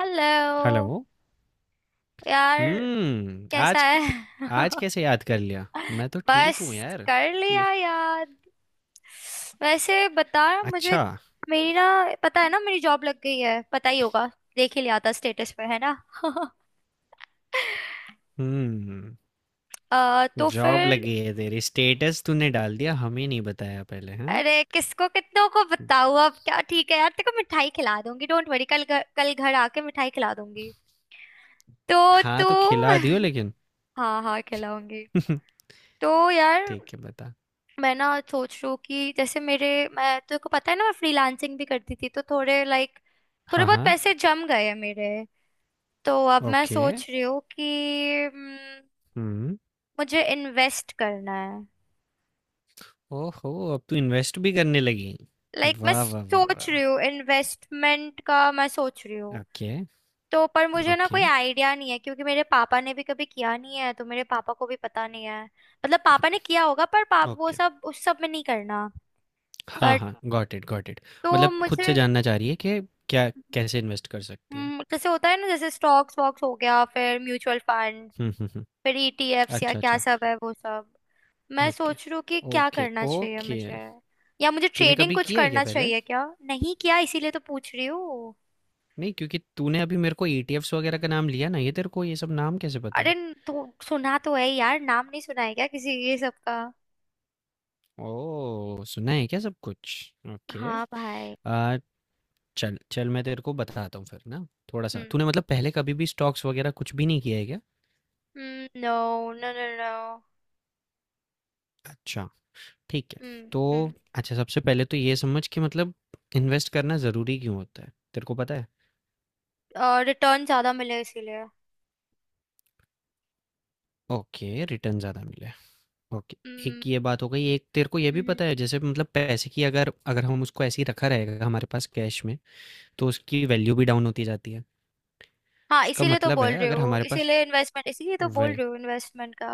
Hello hello. यार, कैसा आज है? आज कैसे याद कर लिया? मैं तो ठीक बस, हूँ यार। कर तू ये लिया याद। वैसे बता। मुझे अच्छा। मेरी ना, पता है ना मेरी जॉब लग गई है, पता ही होगा। देख ही लिया था स्टेटस पे, है ना? हम्म, तो जॉब फिर, लगी है तेरी। स्टेटस तूने डाल दिया, हमें नहीं बताया पहले, हाँ? अरे, किसको कितनों को बताऊँ अब, क्या? ठीक है यार, तेरे को मिठाई खिला दूंगी, डोंट वरी। कल घर आके मिठाई खिला दूंगी। तो हाँ, तू... तो खिला दियो लेकिन। हाँ हाँ, खिलाऊंगी। तो यार, ठीक है, बता। मैं ना सोच रही हूँ कि जैसे मेरे... मैं तेरे को पता है ना मैं फ्रीलांसिंग भी करती थी, तो थोड़े लाइक... थोड़े हाँ, बहुत हाँ। पैसे जम गए हैं मेरे। तो अब मैं ओके। सोच रही हूँ कि... हम्म, हम्म। मुझे इन्वेस्ट करना है। ओहो, अब तू इन्वेस्ट भी करने लगी। लाइक, मैं वाह, वाह, वाह, सोच वाह, रही वाह। हूँ इन्वेस्टमेंट का, मैं सोच रही हूँ। ओके, तो पर मुझे ना ओके, कोई आइडिया नहीं है, क्योंकि मेरे पापा ने भी कभी किया नहीं है, तो मेरे पापा को भी पता नहीं है। मतलब, पापा ने किया होगा पर पाप वो ओके। सब, उस सब में नहीं करना। हाँ, बट, हाँ, गॉट इट, गॉट इट। तो मतलब खुद मुझे... से जानना चाह रही है कि क्या कैसे इन्वेस्ट कर सकती है। जैसे होता है ना, जैसे स्टॉक्स वॉक्स हो गया, फिर म्यूचुअल फंड, फिर ईटीएफ्स या अच्छा, क्या अच्छा। सब है वो सब। मैं ओके, सोच रही हूँ कि क्या ओके, करना चाहिए ओके। मुझे? या मुझे तूने ट्रेडिंग कभी कुछ किया है क्या करना पहले? चाहिए क्या? नहीं किया, इसीलिए तो पूछ रही हूँ। नहीं, क्योंकि तूने अभी मेरे को ईटीएफ्स वगैरह का नाम लिया ना, ये तेरे को ये सब नाम कैसे पता अरे, है? तो सुना तो है यार, नाम नहीं सुना है क्या किसी ये सब का? ओह! सुना है क्या सब कुछ? ओके। हाँ भाई। अ, चल चल मैं तेरे को बताता हूँ फिर ना थोड़ा-सा। हम्म। तूने मतलब पहले कभी भी स्टॉक्स वगैरह कुछ भी नहीं किया है क्या? No, no, no, no. अच्छा, ठीक है। हम्म तो हम्म अच्छा सबसे पहले तो ये समझ कि मतलब इन्वेस्ट करना ज़रूरी क्यों होता है? तेरे को पता है? रिटर्न ज्यादा मिले, इसीलिए। ओके, रिटर्न ज़्यादा मिले। ओके, हम्म। एक ये बात हो गई। एक तेरे को ये हम्म, भी हम्म। पता है जैसे मतलब पैसे की अगर अगर हम उसको ऐसे ही रखा रहेगा हमारे पास कैश में, तो उसकी वैल्यू भी डाउन होती जाती है। हाँ, उसका इसीलिए तो मतलब है बोल रही अगर हूँ, हमारे पास इसीलिए इन्वेस्टमेंट, इसीलिए तो बोल वही रही हूँ इन्वेस्टमेंट का।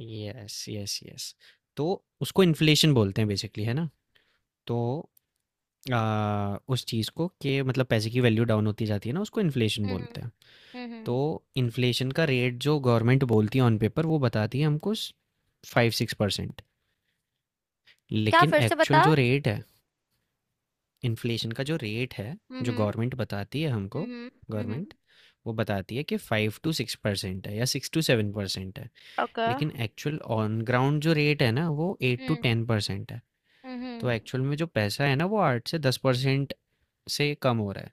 Yes, yes, yes. तो उसको इन्फ्लेशन बोलते हैं बेसिकली, है ना? तो उस चीज़ को कि मतलब पैसे की वैल्यू डाउन होती जाती है ना, उसको इन्फ्लेशन हम्म, बोलते हैं। तो हम्म। इन्फ्लेशन का रेट जो गवर्नमेंट बोलती है ऑन पेपर वो बताती है हमको स 5-6% क्या? लेकिन फिर से एक्चुअल बता। जो रेट है इन्फ्लेशन का जो रेट है जो हम्म, गवर्नमेंट बताती है हमको हम्म, हम्म। गवर्नमेंट वो बताती है कि 5 से 6% है या 6 से 7% है ओके। लेकिन एक्चुअल ऑन ग्राउंड जो रेट है ना वो eight to um, ten percent है तो हम्म। एक्चुअल में जो पैसा है ना वो 8 से 10% से कम हो रहा है।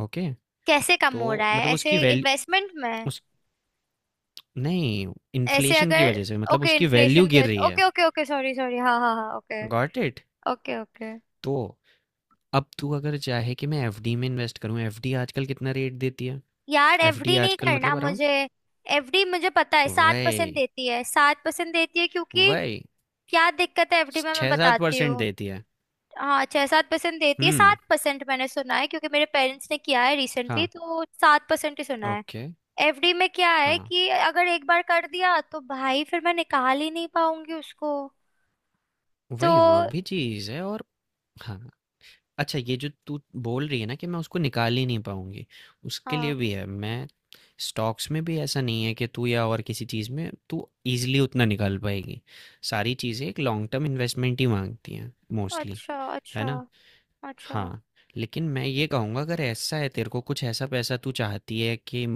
ओके। कैसे कम तो हो रहा है मतलब उसकी ऐसे वैल्यू इन्वेस्टमेंट में? उस नहीं ऐसे इन्फ्लेशन की अगर... वजह से मतलब ओके, उसकी वैल्यू इन्फ्लेशन के। गिर रही है। Okay, okay, okay, sorry, sorry, हाँ, हाँ, हाँ, okay. Got it. Okay, okay. तो अब तू अगर चाहे कि मैं एफडी में इन्वेस्ट करूं, एफडी आजकल कितना रेट देती है, यार, एफडी एफडी नहीं आजकल करना मतलब अराउंड मुझे। एफडी मुझे पता है, 7% वही, देती है, 7% देती है क्योंकि... वही क्या दिक्कत है एफडी में, मैं 6-7 बताती परसेंट हूँ। देती है। हाँ, 6-7% देती है, हुँ, सात परसेंट मैंने सुना है, क्योंकि मेरे पेरेंट्स ने किया है रिसेंटली, हाँ, तो 7% ही सुना है। ओके, एफडी में क्या है हाँ, कि अगर एक बार कर दिया तो भाई फिर मैं निकाल ही नहीं पाऊंगी उसको, तो... वही वो भी चीज़ है और हाँ, अच्छा ये जो तू बोल रही है ना कि मैं उसको निकाल ही नहीं पाऊँगी, उसके हाँ। लिए भी है, मैं स्टॉक्स में भी ऐसा नहीं है कि तू या और किसी चीज़ में तू ईज़िली उतना निकाल पाएगी। सारी चीज़ें एक लॉन्ग टर्म इन्वेस्टमेंट ही माँगती हैं मोस्टली, अच्छा, है अच्छा, ना? अच्छा। हाँ, लेकिन मैं ये कहूँगा अगर ऐसा है तेरे को कुछ ऐसा पैसा तू चाहती है कि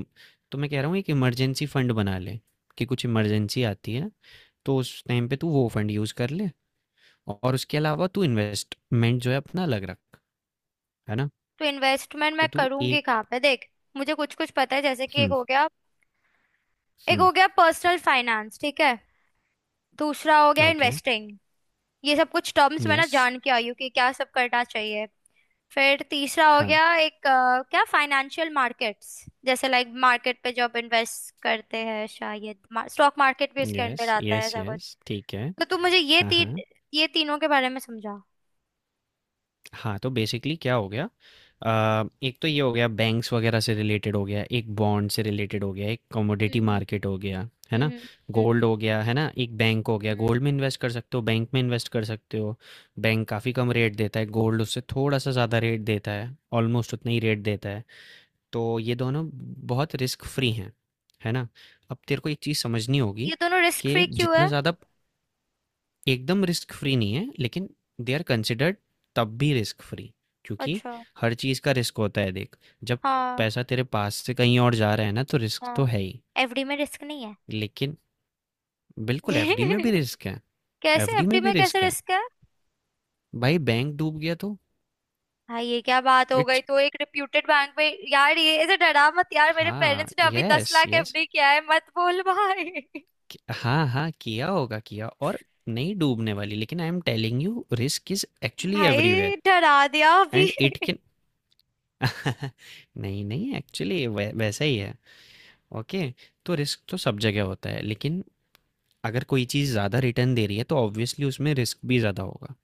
तो मैं कह रहा हूँ एक इमरजेंसी फंड बना ले कि कुछ इमरजेंसी आती है तो उस टाइम पे तू वो फंड यूज़ कर ले और उसके अलावा तू इन्वेस्टमेंट जो है अपना अलग रख, है ना? तो इन्वेस्टमेंट मैं तो तू करूंगी एक कहाँ पे, देख। मुझे कुछ कुछ पता है, जैसे कि एक हम्म हो गया... एक हम्म हो गया पर्सनल फाइनेंस, ठीक है? दूसरा हो गया ओके इन्वेस्टिंग। ये सब कुछ टर्म्स मैं ना यस जान के आई हूँ कि क्या सब करना चाहिए। फिर तीसरा हो हाँ गया एक क्या, फाइनेंशियल मार्केट्स। जैसे लाइक, मार्केट पे जो आप इन्वेस्ट करते हैं शायद, स्टॉक मार्केट भी इसके यस अंडर आता है, यस ऐसा कुछ। यस ठीक है तो तू मुझे हाँ हाँ। ये तीनों के बारे में समझा। हाँ तो बेसिकली क्या हो गया, एक तो ये हो गया बैंक्स वगैरह से रिलेटेड हो गया, एक बॉन्ड से रिलेटेड हो गया, एक कमोडिटी हम्म, मार्केट हो गया, है ना? हम्म, गोल्ड हम्म, हो गया, है ना, एक बैंक हो गया, हम्म। गोल्ड में इन्वेस्ट कर सकते हो, बैंक में इन्वेस्ट कर सकते हो। बैंक काफ़ी कम रेट देता है, गोल्ड उससे थोड़ा सा ज़्यादा रेट देता है, ऑलमोस्ट उतना ही रेट देता है। तो ये दोनों बहुत रिस्क फ्री हैं, है ना? अब तेरे को एक चीज़ समझनी होगी ये दोनों रिस्क कि फ्री क्यों जितना है? ज़्यादा एकदम रिस्क फ्री नहीं है लेकिन दे आर कंसिडर्ड तब भी रिस्क फ्री क्योंकि अच्छा। हर चीज़ का रिस्क होता है। देख जब हाँ, पैसा तेरे पास से कहीं और जा रहा है ना तो रिस्क तो हाँ। है ही एफडी में रिस्क नहीं है? लेकिन बिल्कुल एफडी में भी रिस्क है कैसे? एफडी एफडी में भी में कैसे रिस्क है रिस्क है? भाई बैंक डूब गया तो भाई, ये क्या बात हो गई? इट्स। तो एक रिप्यूटेड बैंक में। यार, ये ऐसे डरा मत यार, मेरे हाँ पेरेंट्स ने अभी दस यस लाख यस। एफडी किया है, मत बोल भाई। हाँ हाँ किया होगा किया और नहीं डूबने वाली लेकिन I am telling you risk is actually everywhere भाई, डरा दिया अभी। एंड इट कैन नहीं नहीं एक्चुअली वैसा ही है। ओके। तो रिस्क तो सब जगह होता है लेकिन अगर कोई चीज़ ज़्यादा रिटर्न दे रही है तो ऑब्वियसली उसमें रिस्क भी ज़्यादा होगा।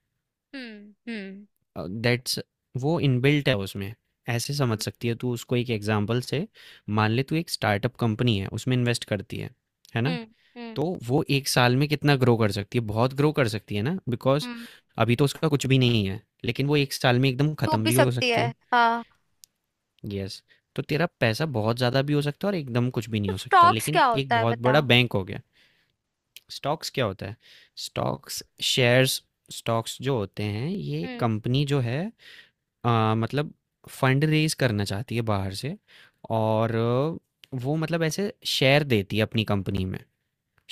हम्म, हम्म, दैट्स वो इनबिल्ट है उसमें। ऐसे समझ हम्म, सकती है तू उसको एक एग्जांपल से। मान ले तू एक स्टार्टअप कंपनी है उसमें इन्वेस्ट करती है ना? हम्म, तो हम्म, वो एक साल में कितना ग्रो कर सकती है, बहुत ग्रो कर सकती है ना, बिकॉज हम्म। अभी तो उसका कुछ भी नहीं है लेकिन वो एक साल में एकदम डूब ख़त्म भी भी हो सकती सकती है, है। हाँ। यस। तो तेरा पैसा बहुत ज़्यादा भी हो सकता है और एकदम कुछ भी नहीं तो हो सकता, स्टॉक्स लेकिन क्या एक होता है, बहुत बता। बड़ा बैंक हो गया। स्टॉक्स क्या होता है? Stocks shares. स्टॉक्स जो होते हैं ये कंपनी जो है मतलब फंड रेज करना चाहती है बाहर से और वो मतलब ऐसे शेयर देती है अपनी कंपनी में,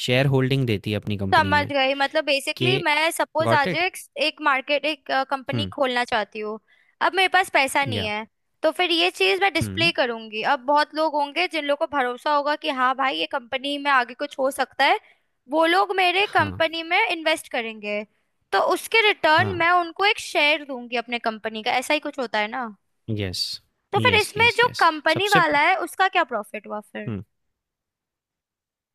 शेयर होल्डिंग देती है अपनी कंपनी समझ में। गई, मतलब के, बेसिकली, मैं सपोज गॉट आज इट। एक, एक मार्केट, एक कंपनी हम्म खोलना चाहती हूँ। अब मेरे पास पैसा नहीं या है, तो फिर ये चीज मैं डिस्प्ले हम्म करूंगी। अब बहुत लोग होंगे जिन लोगों को भरोसा होगा कि हाँ भाई, ये कंपनी में आगे कुछ हो सकता है, वो लोग मेरे हाँ कंपनी में इन्वेस्ट करेंगे। तो उसके रिटर्न हाँ। मैं उनको एक शेयर दूंगी अपने कंपनी का, ऐसा ही कुछ होता है ना? यस तो फिर यस इसमें यस जो यस। कंपनी सबसे वाला प- है उसका क्या प्रॉफिट हुआ? हम्म।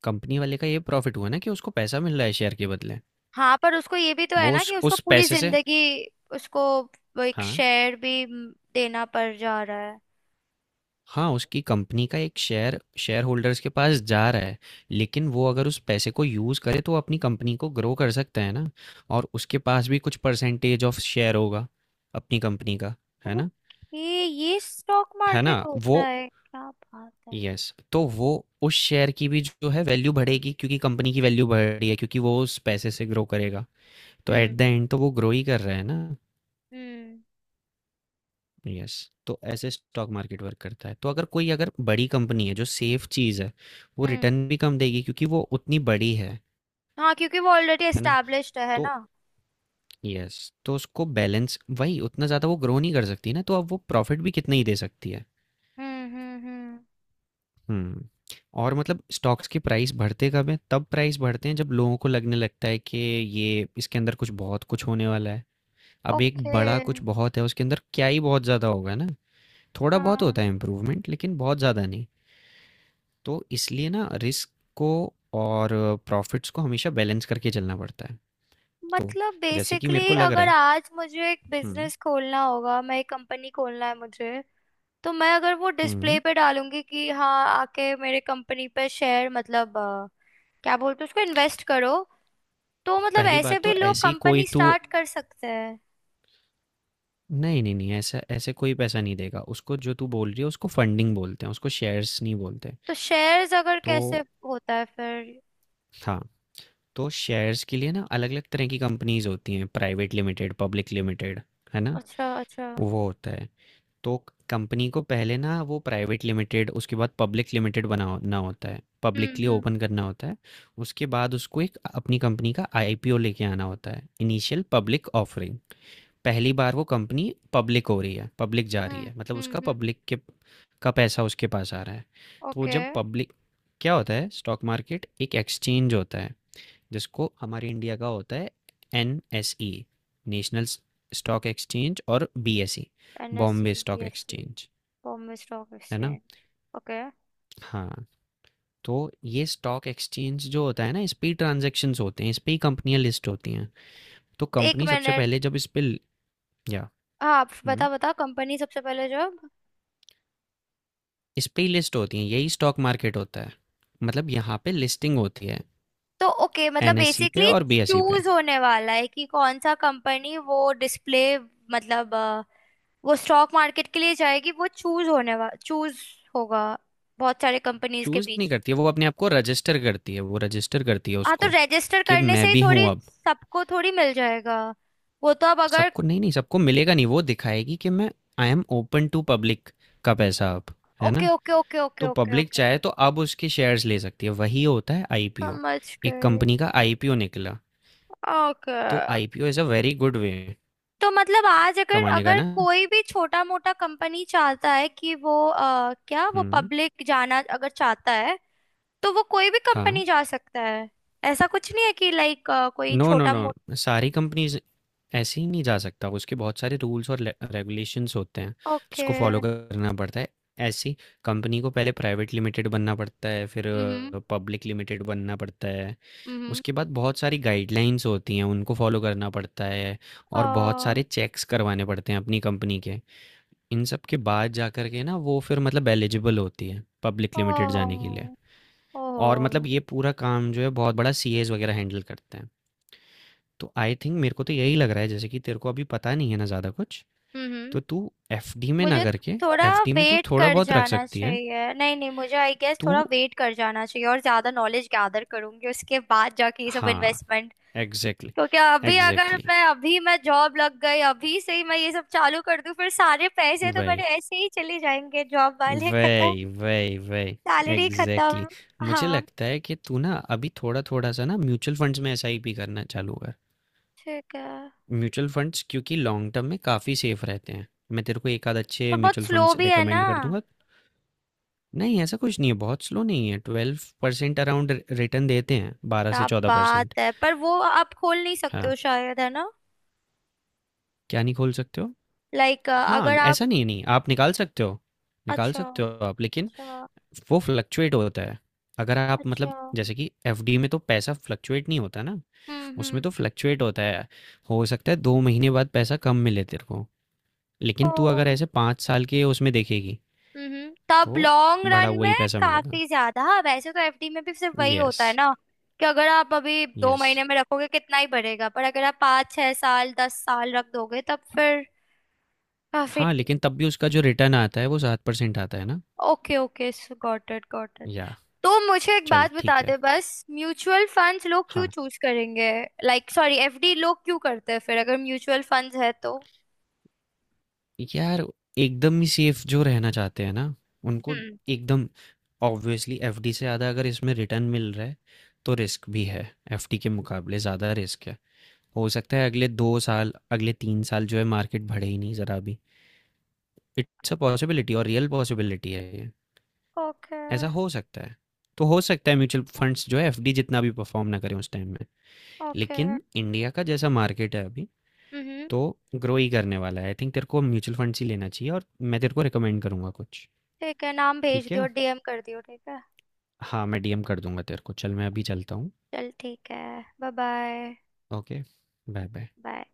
कंपनी वाले का ये प्रॉफिट हुआ ना कि उसको पैसा मिल रहा है शेयर के बदले। हाँ, पर उसको ये भी तो है वो ना उस कि उसको उस पूरी पैसे से जिंदगी उसको वो एक हाँ, शेयर भी देना पड़ जा रहा है। हाँ, उसकी कंपनी का एक शेयर शेयरहोल्डर्स के पास जा रहा है, लेकिन वो अगर उस पैसे को यूज़ करे तो वो अपनी कंपनी को ग्रो कर सकता है ना, और उसके पास भी कुछ परसेंटेज ऑफ शेयर होगा अपनी कंपनी का, है ना? ओके, ये स्टॉक है ना? मार्केट होता वो है, क्या बात है। यस, तो वो उस शेयर की भी जो है वैल्यू बढ़ेगी क्योंकि कंपनी की वैल्यू बढ़ रही है क्योंकि वो उस पैसे से ग्रो करेगा। तो एट हम्म, द एंड तो वो ग्रो ही कर रहा है ना। हम्म, यस। तो ऐसे स्टॉक मार्केट वर्क करता है, तो अगर कोई अगर बड़ी कंपनी है जो सेफ चीज़ है वो हम्म। रिटर्न भी कम देगी क्योंकि वो उतनी बड़ी है हाँ, क्योंकि वो ऑलरेडी है ना? एस्टेब्लिश्ड है तो ना। यस, तो उसको बैलेंस वही, उतना ज़्यादा वो ग्रो नहीं कर सकती ना तो अब वो प्रॉफिट भी कितना ही दे सकती है। हम्म, हम्म, हम्म। हम्म। और मतलब स्टॉक्स के प्राइस बढ़ते कब हैं, तब प्राइस बढ़ते हैं जब लोगों को लगने लगता है कि ये इसके अंदर कुछ बहुत कुछ होने वाला है। अब एक ओके। बड़ा कुछ बहुत है उसके अंदर क्या ही बहुत ज़्यादा होगा ना। थोड़ा बहुत हाँ। होता है इम्प्रूवमेंट लेकिन बहुत ज़्यादा नहीं। तो इसलिए ना रिस्क को और प्रॉफिट्स को हमेशा बैलेंस करके चलना पड़ता है। तो मतलब जैसे कि मेरे बेसिकली, को लग रहा अगर है आज मुझे एक हुँ। बिजनेस खोलना होगा, मैं एक कंपनी खोलना है मुझे, तो मैं अगर वो डिस्प्ले हुँ, पे डालूंगी कि हाँ, आके मेरे कंपनी पे शेयर, मतलब क्या बोलते हैं उसको, इन्वेस्ट करो। तो मतलब पहली ऐसे बात भी तो लोग ऐसी कोई कंपनी तू स्टार्ट कर सकते हैं। नहीं, नहीं, नहीं ऐसा ऐसे कोई पैसा नहीं देगा। उसको जो तू बोल रही है उसको फंडिंग बोलते हैं, उसको शेयर्स नहीं बोलते। तो शेयर्स अगर, तो कैसे होता है फिर? हाँ, तो शेयर्स के लिए ना अलग-अलग तरह की कंपनीज़ होती हैं, प्राइवेट लिमिटेड, पब्लिक लिमिटेड, है ना? अच्छा, अच्छा। वो होता है। तो कंपनी को पहले ना वो प्राइवेट लिमिटेड उसके बाद पब्लिक लिमिटेड बनाना होता है। पब्लिकली हम्म, हम्म, ओपन करना होता है। उसके बाद उसको एक अपनी कंपनी का आईपीओ लेके आना होता है। Initial public offering. पहली बार वो कंपनी पब्लिक हो रही है, पब्लिक जा रही हम्म, है। मतलब हम्म, उसका हम्म। पब्लिक के का पैसा उसके पास आ रहा है। तो ओके। जब पब्लिक क्या होता है, स्टॉक मार्केट एक एक्सचेंज होता है। जिसको हमारे इंडिया का होता है N S E, national stock exchange और B S E, NSC, Bombay stock BSC. Exchange, Bombay stock है ना? एक्सचेंज। ओके। हाँ। तो ये स्टॉक एक्सचेंज जो होता है ना, इस पे ही ट्रांजेक्शन्स होते हैं, इस पे ही कंपनियां लिस्ट होती हैं। तो एक कंपनी सबसे मिनट। पहले जब इस पे ल- या हाँ, आप बता हम्म, बता, कंपनी सबसे पहले जॉब... इस पे ही लिस्ट होती हैं, यही स्टॉक मार्केट होता है, मतलब यहाँ पे लिस्टिंग होती है, तो ओके, मतलब एनएससी पे बेसिकली, और बीएसई पे। चूज होने वाला है कि कौन सा कंपनी वो डिस्प्ले, मतलब वो स्टॉक मार्केट के लिए जाएगी, वो चूज होने वाला चूज होगा बहुत सारे कंपनीज के चूज नहीं बीच। करती है, वो अपने आप को रजिस्टर करती है, वो रजिस्टर करती है हाँ, तो उसको रजिस्टर कि करने से मैं ही भी थोड़ी हूँ अब। सबको, थोड़ी मिल जाएगा। वो तो अब अगर... सबको नहीं, नहीं सबको मिलेगा नहीं, वो दिखाएगी कि मैं I am open to public का पैसा अब, है ओके, ना? ओके, ओके, ओके, तो ओके, पब्लिक ओके। चाहे तो अब उसके शेयर्स ले सकती है, वही होता है आईपीओ। समझ एक गए। कंपनी का आईपीओ निकला, ओके। तो IPO is a very good way तो मतलब आज अगर कमाने का अगर ना। कोई भी छोटा मोटा कंपनी चाहता है कि वो क्या, वो हुँ, पब्लिक जाना अगर चाहता है, तो वो कोई भी हाँ। कंपनी जा सकता है? ऐसा कुछ नहीं है कि लाइक, कोई नो, नो, छोटा मोटा... नो सारी कंपनीज़ ऐसे ही नहीं जा सकता, उसके बहुत सारे रूल्स और ले रेगुलेशंस होते हैं, ओके। जिसको फॉलो करना पड़ता है। ऐसी कंपनी को पहले प्राइवेट लिमिटेड बनना पड़ता है, फिर हम्म, पब्लिक लिमिटेड बनना पड़ता है। हम्म। उसके बाद बहुत सारी गाइडलाइंस होती हैं, उनको फॉलो करना पड़ता है और बहुत ओ, सारे चेक्स करवाने पड़ते हैं अपनी कंपनी के। इन सब के बाद जाकर के ना वो फिर मतलब एलिजिबल होती है पब्लिक ओ, लिमिटेड जाने के लिए। और मतलब ओ। ये पूरा काम जो है बहुत बड़ा सीएज वगैरह हैंडल करते हैं। तो आई थिंक मेरे को तो यही लग रहा है जैसे कि तेरे को अभी पता नहीं है ना ज़्यादा कुछ, हम्म। तो तू एफडी में ना मुझे करके थोड़ा एफडी में तू वेट थोड़ा कर बहुत रख जाना सकती है। चाहिए, नहीं नहीं, मुझे आई गेस तू थोड़ा वेट कर जाना चाहिए और ज्यादा नॉलेज गैदर करूंगी, उसके बाद जाके ये सब हाँ, इन्वेस्टमेंट। एग्ज़ैक्टली, क्योंकि अभी अगर एग्ज़ैक्टली, मैं, अभी मैं जॉब लग गई, अभी से ही मैं ये सब चालू कर दूं, फिर सारे पैसे तो मेरे वही। ऐसे ही चले जाएंगे, जॉब वाले खत्म, वही वही वही सैलरी एग्जैक्टली खत्म। exactly. मुझे हाँ, लगता है कि तू ना अभी थोड़ा थोड़ा सा ना म्यूचुअल फंड्स में एसआईपी करना चालू कर। ठीक है, म्यूचुअल फंड्स क्योंकि लॉन्ग टर्म में काफ़ी सेफ रहते हैं, मैं तेरे को एक आध अच्छे पर बहुत म्यूचुअल स्लो फंड्स भी है ना? रेकमेंड कर दूंगा। नहीं ऐसा कुछ नहीं है, बहुत स्लो नहीं है, 12% अराउंड रिटर्न देते हैं, बारह से क्या चौदह बात परसेंट है, पर वो आप खोल नहीं सकते हाँ, हो शायद, है ना? क्या नहीं खोल सकते हो? लाइक, हाँ अगर आप... ऐसा नहीं, नहीं आप निकाल सकते हो, निकाल अच्छा, सकते हो आप, लेकिन अच्छा, वो फ्लक्चुएट होता है। अगर आप अच्छा। मतलब जैसे कि एफडी में तो पैसा फ्लक्चुएट नहीं होता ना, हम्म, उसमें हम्म। तो फ्लक्चुएट होता है। हो सकता है दो महीने बाद पैसा कम मिले तेरे को, ओ। लेकिन तू अगर ऐसे पाँच साल के उसमें देखेगी तब तो लॉन्ग बढ़ा रन हुआ में ही पैसा मिलेगा। काफी ज्यादा। हाँ, वैसे तो एफडी में भी सिर्फ वही यस, होता है ना, कि अगर आप अभी दो यस। महीने में रखोगे कितना ही बढ़ेगा, पर अगर आप 5-6 साल, 10 साल रख दोगे तब फिर काफी... हाँ लेकिन तब भी उसका जो रिटर्न आता है वो 7% आता है ना। Okay, okay, got it, got it. या तो मुझे एक चल बात ठीक बता है दे बस, म्यूचुअल फंड्स लोग क्यों हाँ चूज करेंगे? लाइक, सॉरी, एफडी लोग क्यों करते हैं फिर अगर म्यूचुअल फंड्स है तो। यार एकदम ही सेफ जो रहना चाहते हैं ना उनको हम्म। एकदम ऑब्वियसली एफडी से ज़्यादा अगर इसमें रिटर्न मिल रहा है तो रिस्क भी है, एफडी के मुकाबले ज़्यादा रिस्क है। हो सकता है अगले दो साल अगले तीन साल जो है मार्केट बढ़े ही नहीं ज़रा भी। इट्स अ पॉसिबिलिटी और रियल पॉसिबिलिटी है ये, ओके, ऐसा हो सकता है। तो हो सकता है म्यूचुअल फंड्स जो है एफडी जितना भी परफॉर्म ना करें उस टाइम में, ओके। लेकिन इंडिया का जैसा मार्केट है अभी हम्म। तो ग्रो ही करने वाला है। आई थिंक तेरे को म्यूचुअल फंड्स ही लेना चाहिए और मैं तेरे को रिकमेंड करूँगा कुछ। ठीक है, नाम भेज ठीक दियो, है, डीएम कर दियो, ठीक है। हाँ मैं डीएम कर दूंगा तेरे को, चल मैं अभी चलता हूँ। चल, ठीक है। Bye, bye, okay, bye bye. Bye.